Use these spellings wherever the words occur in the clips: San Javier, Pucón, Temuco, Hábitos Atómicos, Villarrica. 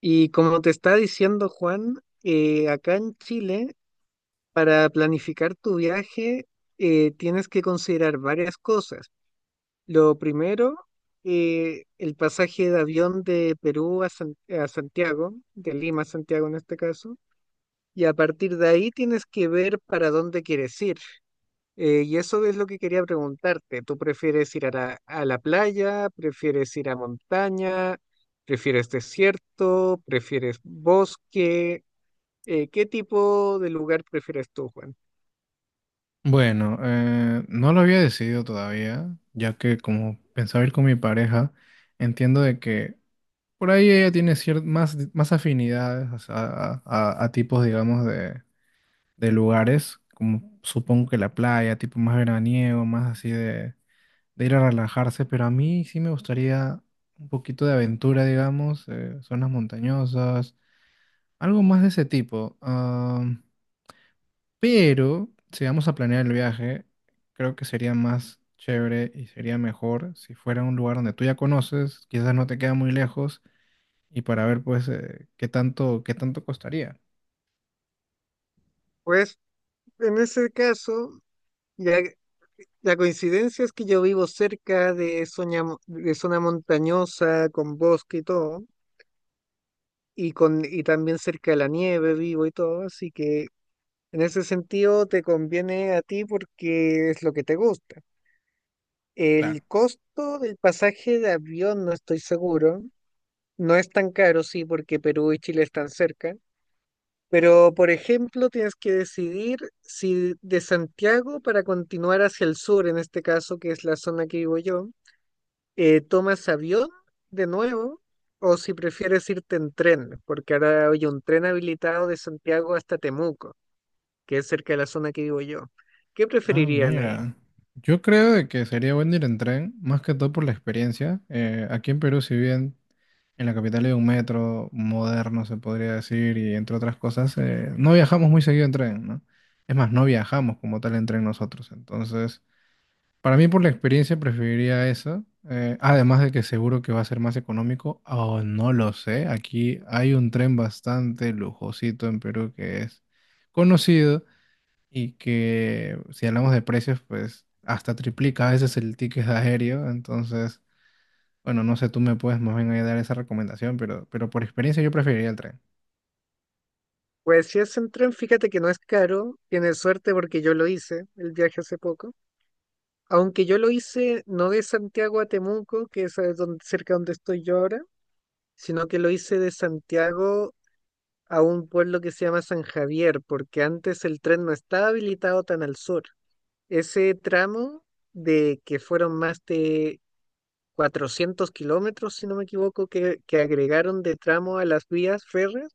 Y como te está diciendo Juan, acá en Chile, para planificar tu viaje, tienes que considerar varias cosas. Lo primero, el pasaje de avión de Perú a, a Santiago, de Lima a Santiago en este caso, y a partir de ahí tienes que ver para dónde quieres ir. Y eso es lo que quería preguntarte. ¿Tú prefieres ir a la playa? ¿Prefieres ir a montaña? ¿Prefieres desierto? ¿Prefieres bosque? ¿Qué tipo de lugar prefieres tú, Juan? Bueno, no lo había decidido todavía, ya que como pensaba ir con mi pareja, entiendo de que por ahí ella tiene más, más afinidades, o sea, a tipos, digamos, de lugares, como supongo que la playa, tipo más veraniego, más así de ir a relajarse, pero a mí sí me gustaría un poquito de aventura, digamos, zonas montañosas, algo más de ese tipo. Pero si vamos a planear el viaje, creo que sería más chévere y sería mejor si fuera un lugar donde tú ya conoces, quizás no te queda muy lejos, y para ver pues qué tanto costaría. Pues en ese caso, ya, la coincidencia es que yo vivo cerca de, de zona montañosa, con bosque y todo, y también cerca de la nieve vivo y todo, así que en ese sentido te conviene a ti porque es lo que te gusta. Claro. El costo del pasaje de avión no estoy seguro. No es tan caro, sí, porque Perú y Chile están cerca. Pero, por ejemplo, tienes que decidir si de Santiago para continuar hacia el sur, en este caso, que es la zona que vivo yo, tomas avión de nuevo o si prefieres irte en tren, porque ahora hay un tren habilitado de Santiago hasta Temuco, que es cerca de la zona que vivo yo. ¿Qué Ah, preferirían ahí? mira. Yo creo de que sería bueno ir en tren, más que todo por la experiencia. Aquí en Perú, si bien en la capital hay un metro moderno, se podría decir, y entre otras cosas, no viajamos muy seguido en tren, ¿no? Es más, no viajamos como tal en tren nosotros. Entonces, para mí, por la experiencia, preferiría eso. Además de que seguro que va a ser más económico, o no lo sé. Aquí hay un tren bastante lujosito en Perú que es conocido y que, si hablamos de precios, pues hasta triplica a veces el ticket aéreo. Entonces, bueno, no sé, tú me puedes más bien ahí dar esa recomendación, pero por experiencia yo preferiría el tren. Pues si es en tren, fíjate que no es caro, tienes suerte porque yo lo hice el viaje hace poco, aunque yo lo hice no de Santiago a Temuco, que es a donde, cerca donde estoy yo ahora, sino que lo hice de Santiago a un pueblo que se llama San Javier, porque antes el tren no estaba habilitado tan al sur. Ese tramo de que fueron más de 400 kilómetros, si no me equivoco, que agregaron de tramo a las vías férreas,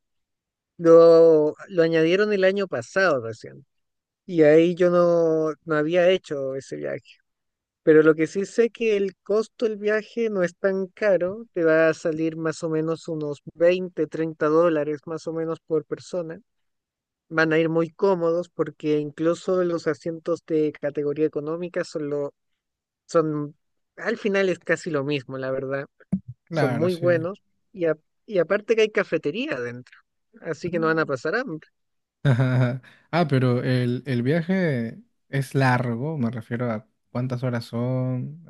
lo añadieron el año pasado recién. Y ahí yo no, no había hecho ese viaje. Pero lo que sí sé que el costo del viaje no es tan caro, te va a salir más o menos unos 20, 30 dólares más o menos por persona. Van a ir muy cómodos porque incluso los asientos de categoría económica son, al final es casi lo mismo, la verdad. Son Claro, muy sí. buenos y, a- y aparte que hay cafetería adentro, así que no van a pasar hambre. Ah, ah, pero el viaje es largo, me refiero a cuántas horas son.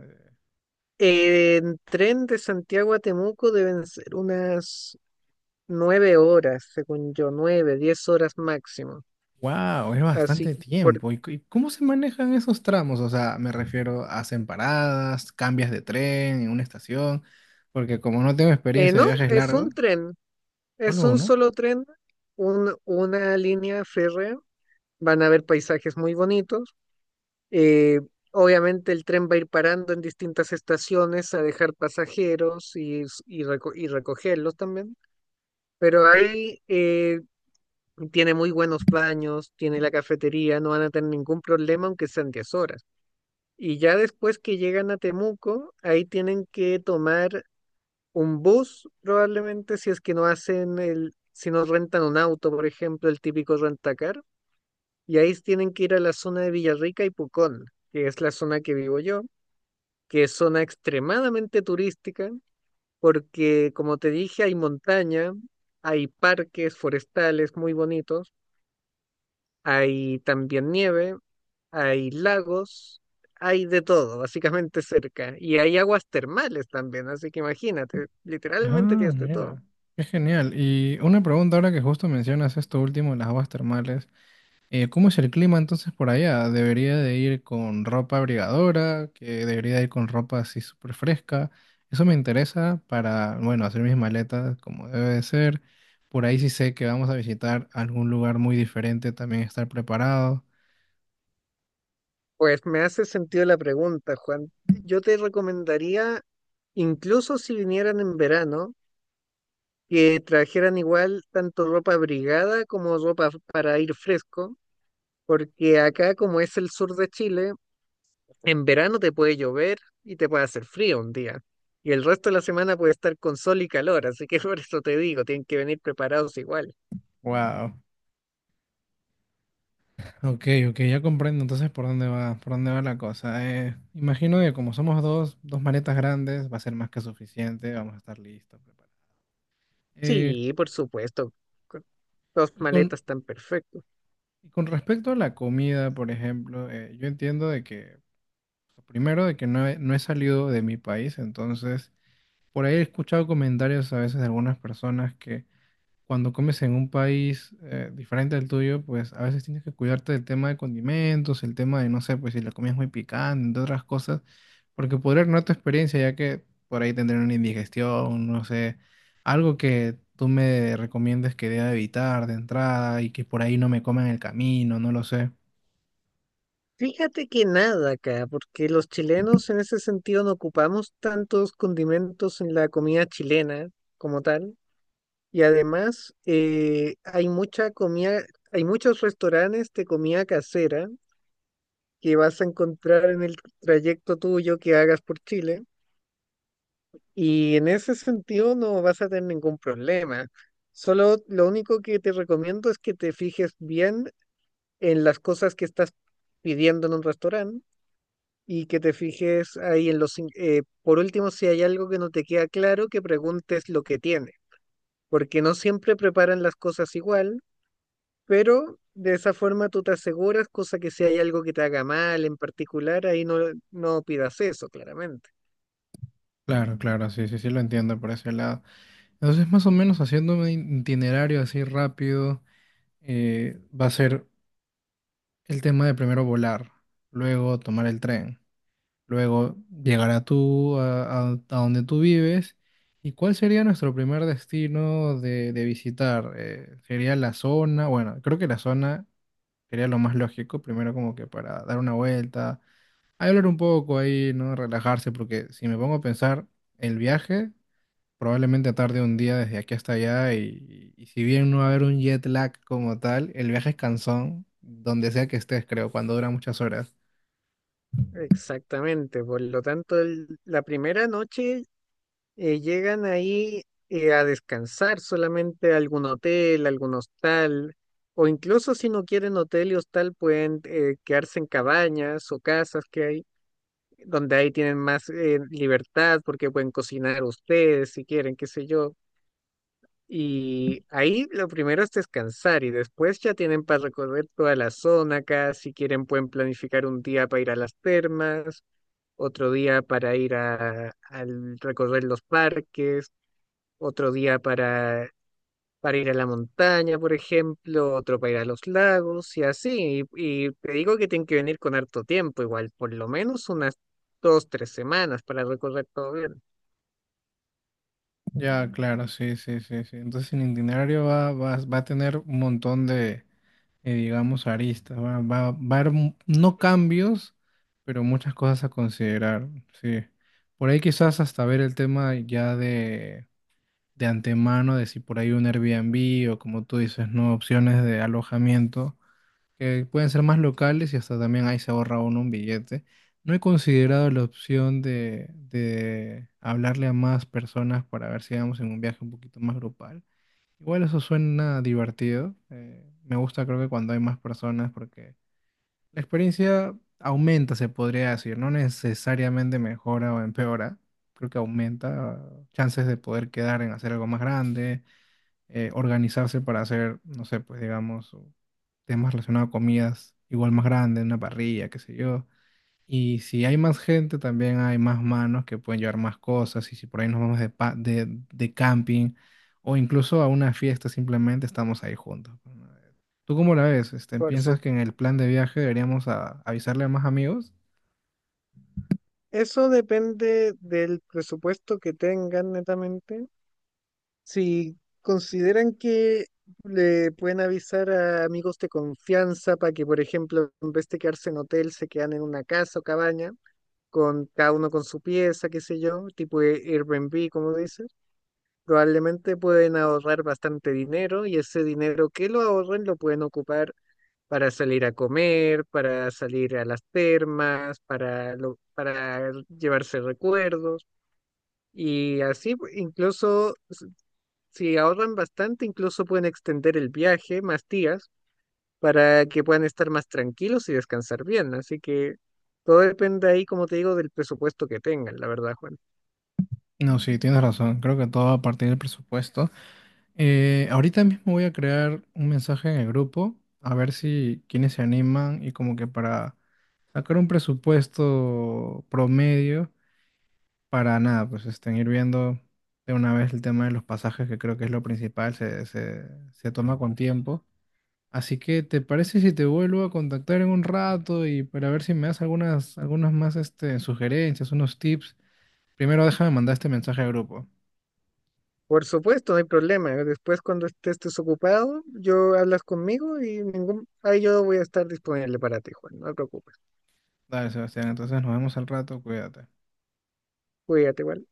En tren de Santiago a Temuco deben ser unas 9 horas, según yo, 9, 10 horas máximo. Wow, es bastante Así, por, tiempo. ¿Y y cómo se manejan esos tramos? O sea, me refiero, ¿hacen paradas, cambias de tren en una estación, porque como no tengo experiencia de no, viajes es un largos, tren, es solo un uno? solo tren, una línea férrea. Van a haber paisajes muy bonitos. eh, Obviamente el tren va a ir parando en distintas estaciones a dejar pasajeros y recogerlos también. Pero ahí tiene muy buenos baños, tiene la cafetería, no van a tener ningún problema aunque sean 10 horas. Y ya después que llegan a Temuco, ahí tienen que tomar un bus, probablemente, si no rentan un auto, por ejemplo, el típico rentacar. Y ahí tienen que ir a la zona de Villarrica y Pucón, que es la zona que vivo yo, que es zona extremadamente turística, porque como te dije, hay montaña, hay parques forestales muy bonitos, hay también nieve, hay lagos, hay de todo, básicamente cerca. Y hay aguas termales también, así que imagínate, literalmente Ah, tienes de todo. mira, qué genial. Y una pregunta ahora que justo mencionas esto último, las aguas termales. ¿Cómo es el clima entonces por allá? ¿Debería de ir con ropa abrigadora? ¿Que debería de ir con ropa así súper fresca? Eso me interesa para, bueno, hacer mis maletas como debe de ser. Por ahí sí sé que vamos a visitar algún lugar muy diferente, también estar preparado. Pues me hace sentido la pregunta, Juan. Yo te recomendaría, incluso si vinieran en verano, que trajeran igual tanto ropa abrigada como ropa para ir fresco, porque acá, como es el sur de Chile, en verano te puede llover y te puede hacer frío un día. Y el resto de la semana puede estar con sol y calor, así que por eso te digo, tienen que venir preparados igual. Wow. Ok, ok, ya comprendo entonces por dónde va la cosa. Imagino que como somos dos, dos maletas grandes, va a ser más que suficiente, vamos a estar listos, preparados. Eh, Sí, por supuesto, con dos y con maletas están perfectos. y con respecto a la comida, por ejemplo, yo entiendo de que, primero, de que no he salido de mi país, entonces, por ahí he escuchado comentarios a veces de algunas personas que cuando comes en un país diferente al tuyo, pues a veces tienes que cuidarte del tema de condimentos, el tema de, no sé, pues si la comida es muy picante, entre otras cosas, porque podría no tu experiencia, ya que por ahí tendré una indigestión, no sé, algo que tú me recomiendes que deba evitar de entrada y que por ahí no me coma en el camino, no lo sé. Fíjate que nada acá, porque los chilenos en ese sentido no ocupamos tantos condimentos en la comida chilena como tal. Y además hay mucha comida, hay muchos restaurantes de comida casera que vas a encontrar en el trayecto tuyo que hagas por Chile. Y en ese sentido no vas a tener ningún problema. Solo lo único que te recomiendo es que te fijes bien en las cosas que estás pidiendo en un restaurante y que te fijes ahí en por último, si hay algo que no te queda claro, que preguntes lo que tiene, porque no siempre preparan las cosas igual, pero de esa forma tú te aseguras, cosa que si hay algo que te haga mal en particular, ahí no, no pidas eso, claramente. Claro, claro, sí, sí, sí lo entiendo por ese lado. Entonces, más o menos haciendo un itinerario así rápido, va a ser el tema de primero volar, luego tomar el tren, luego llegar a a donde tú vives. ¿Y cuál sería nuestro primer destino de visitar? ¿Sería la zona? Bueno, creo que la zona sería lo más lógico, primero como que para dar una vuelta, hablar un poco ahí, ¿no? Relajarse, porque si me pongo a pensar, el viaje probablemente tarde un día desde aquí hasta allá y si bien no va a haber un jet lag como tal, el viaje es cansón, donde sea que estés, creo, cuando dura muchas horas. Exactamente, por lo tanto, la primera noche llegan ahí a descansar solamente a algún hotel, algún hostal, o incluso si no quieren hotel y hostal, pueden quedarse en cabañas o casas que hay, donde ahí tienen más libertad porque pueden cocinar ustedes si quieren, qué sé yo. Y ahí lo primero es descansar y después ya tienen para recorrer toda la zona acá, si quieren pueden planificar un día para ir a las termas, otro día para ir al recorrer los parques, otro día para ir a la montaña, por ejemplo, otro para ir a los lagos y así. Y te digo que tienen que venir con harto tiempo, igual, por lo menos unas 2, 3 semanas para recorrer todo bien. Ya, claro, sí, sí, sí, sí. Entonces el itinerario va a tener un montón de, digamos, aristas. Va a haber no cambios, pero muchas cosas a considerar, sí. Por ahí quizás hasta ver el tema ya de antemano, de si por ahí un Airbnb o como tú dices, no, opciones de alojamiento que pueden ser más locales y hasta también ahí se ahorra uno un billete. No he considerado la opción de hablarle a más personas para ver si vamos en un viaje un poquito más grupal. Igual eso suena divertido. Me gusta, creo que cuando hay más personas, porque la experiencia aumenta, se podría decir. No necesariamente mejora o empeora. Creo que aumenta chances de poder quedar en hacer algo más grande, organizarse para hacer, no sé, pues digamos, temas relacionados a comidas igual más grandes, una parrilla, qué sé yo. Y si hay más gente, también hay más manos que pueden llevar más cosas. Y si por ahí nos vamos de camping o incluso a una fiesta, simplemente estamos ahí juntos, ¿no? ¿Tú cómo la ves? Este, Por su- ¿piensas que en el plan de viaje deberíamos avisarle a más amigos? Eso depende del presupuesto que tengan netamente. Si consideran que le pueden avisar a amigos de confianza para que, por ejemplo, en vez de quedarse en hotel, se quedan en una casa o cabaña con cada uno con su pieza, qué sé yo, tipo de Airbnb, como dices, probablemente pueden ahorrar bastante dinero y ese dinero que lo ahorren lo pueden ocupar para salir a comer, para salir a las termas, para llevarse recuerdos y así incluso si ahorran bastante, incluso pueden extender el viaje más días para que puedan estar más tranquilos y descansar bien. Así que todo depende ahí, como te digo, del presupuesto que tengan, la verdad, Juan. No, sí, tienes razón. Creo que todo va a partir del presupuesto. Ahorita mismo voy a crear un mensaje en el grupo, a ver si quienes se animan y como que para sacar un presupuesto promedio para nada, pues estén ir viendo de una vez el tema de los pasajes, que creo que es lo principal, se toma con tiempo. Así que, ¿te parece si te vuelvo a contactar en un rato y para ver si me das algunas, algunas más este, sugerencias, unos tips? Primero déjame mandar este mensaje al grupo. Por supuesto, no hay problema. Después, cuando estés desocupado, yo hablas conmigo y ahí yo voy a estar disponible para ti, Juan. No te preocupes. Dale, Sebastián, entonces nos vemos al rato, cuídate. Cuídate, igual.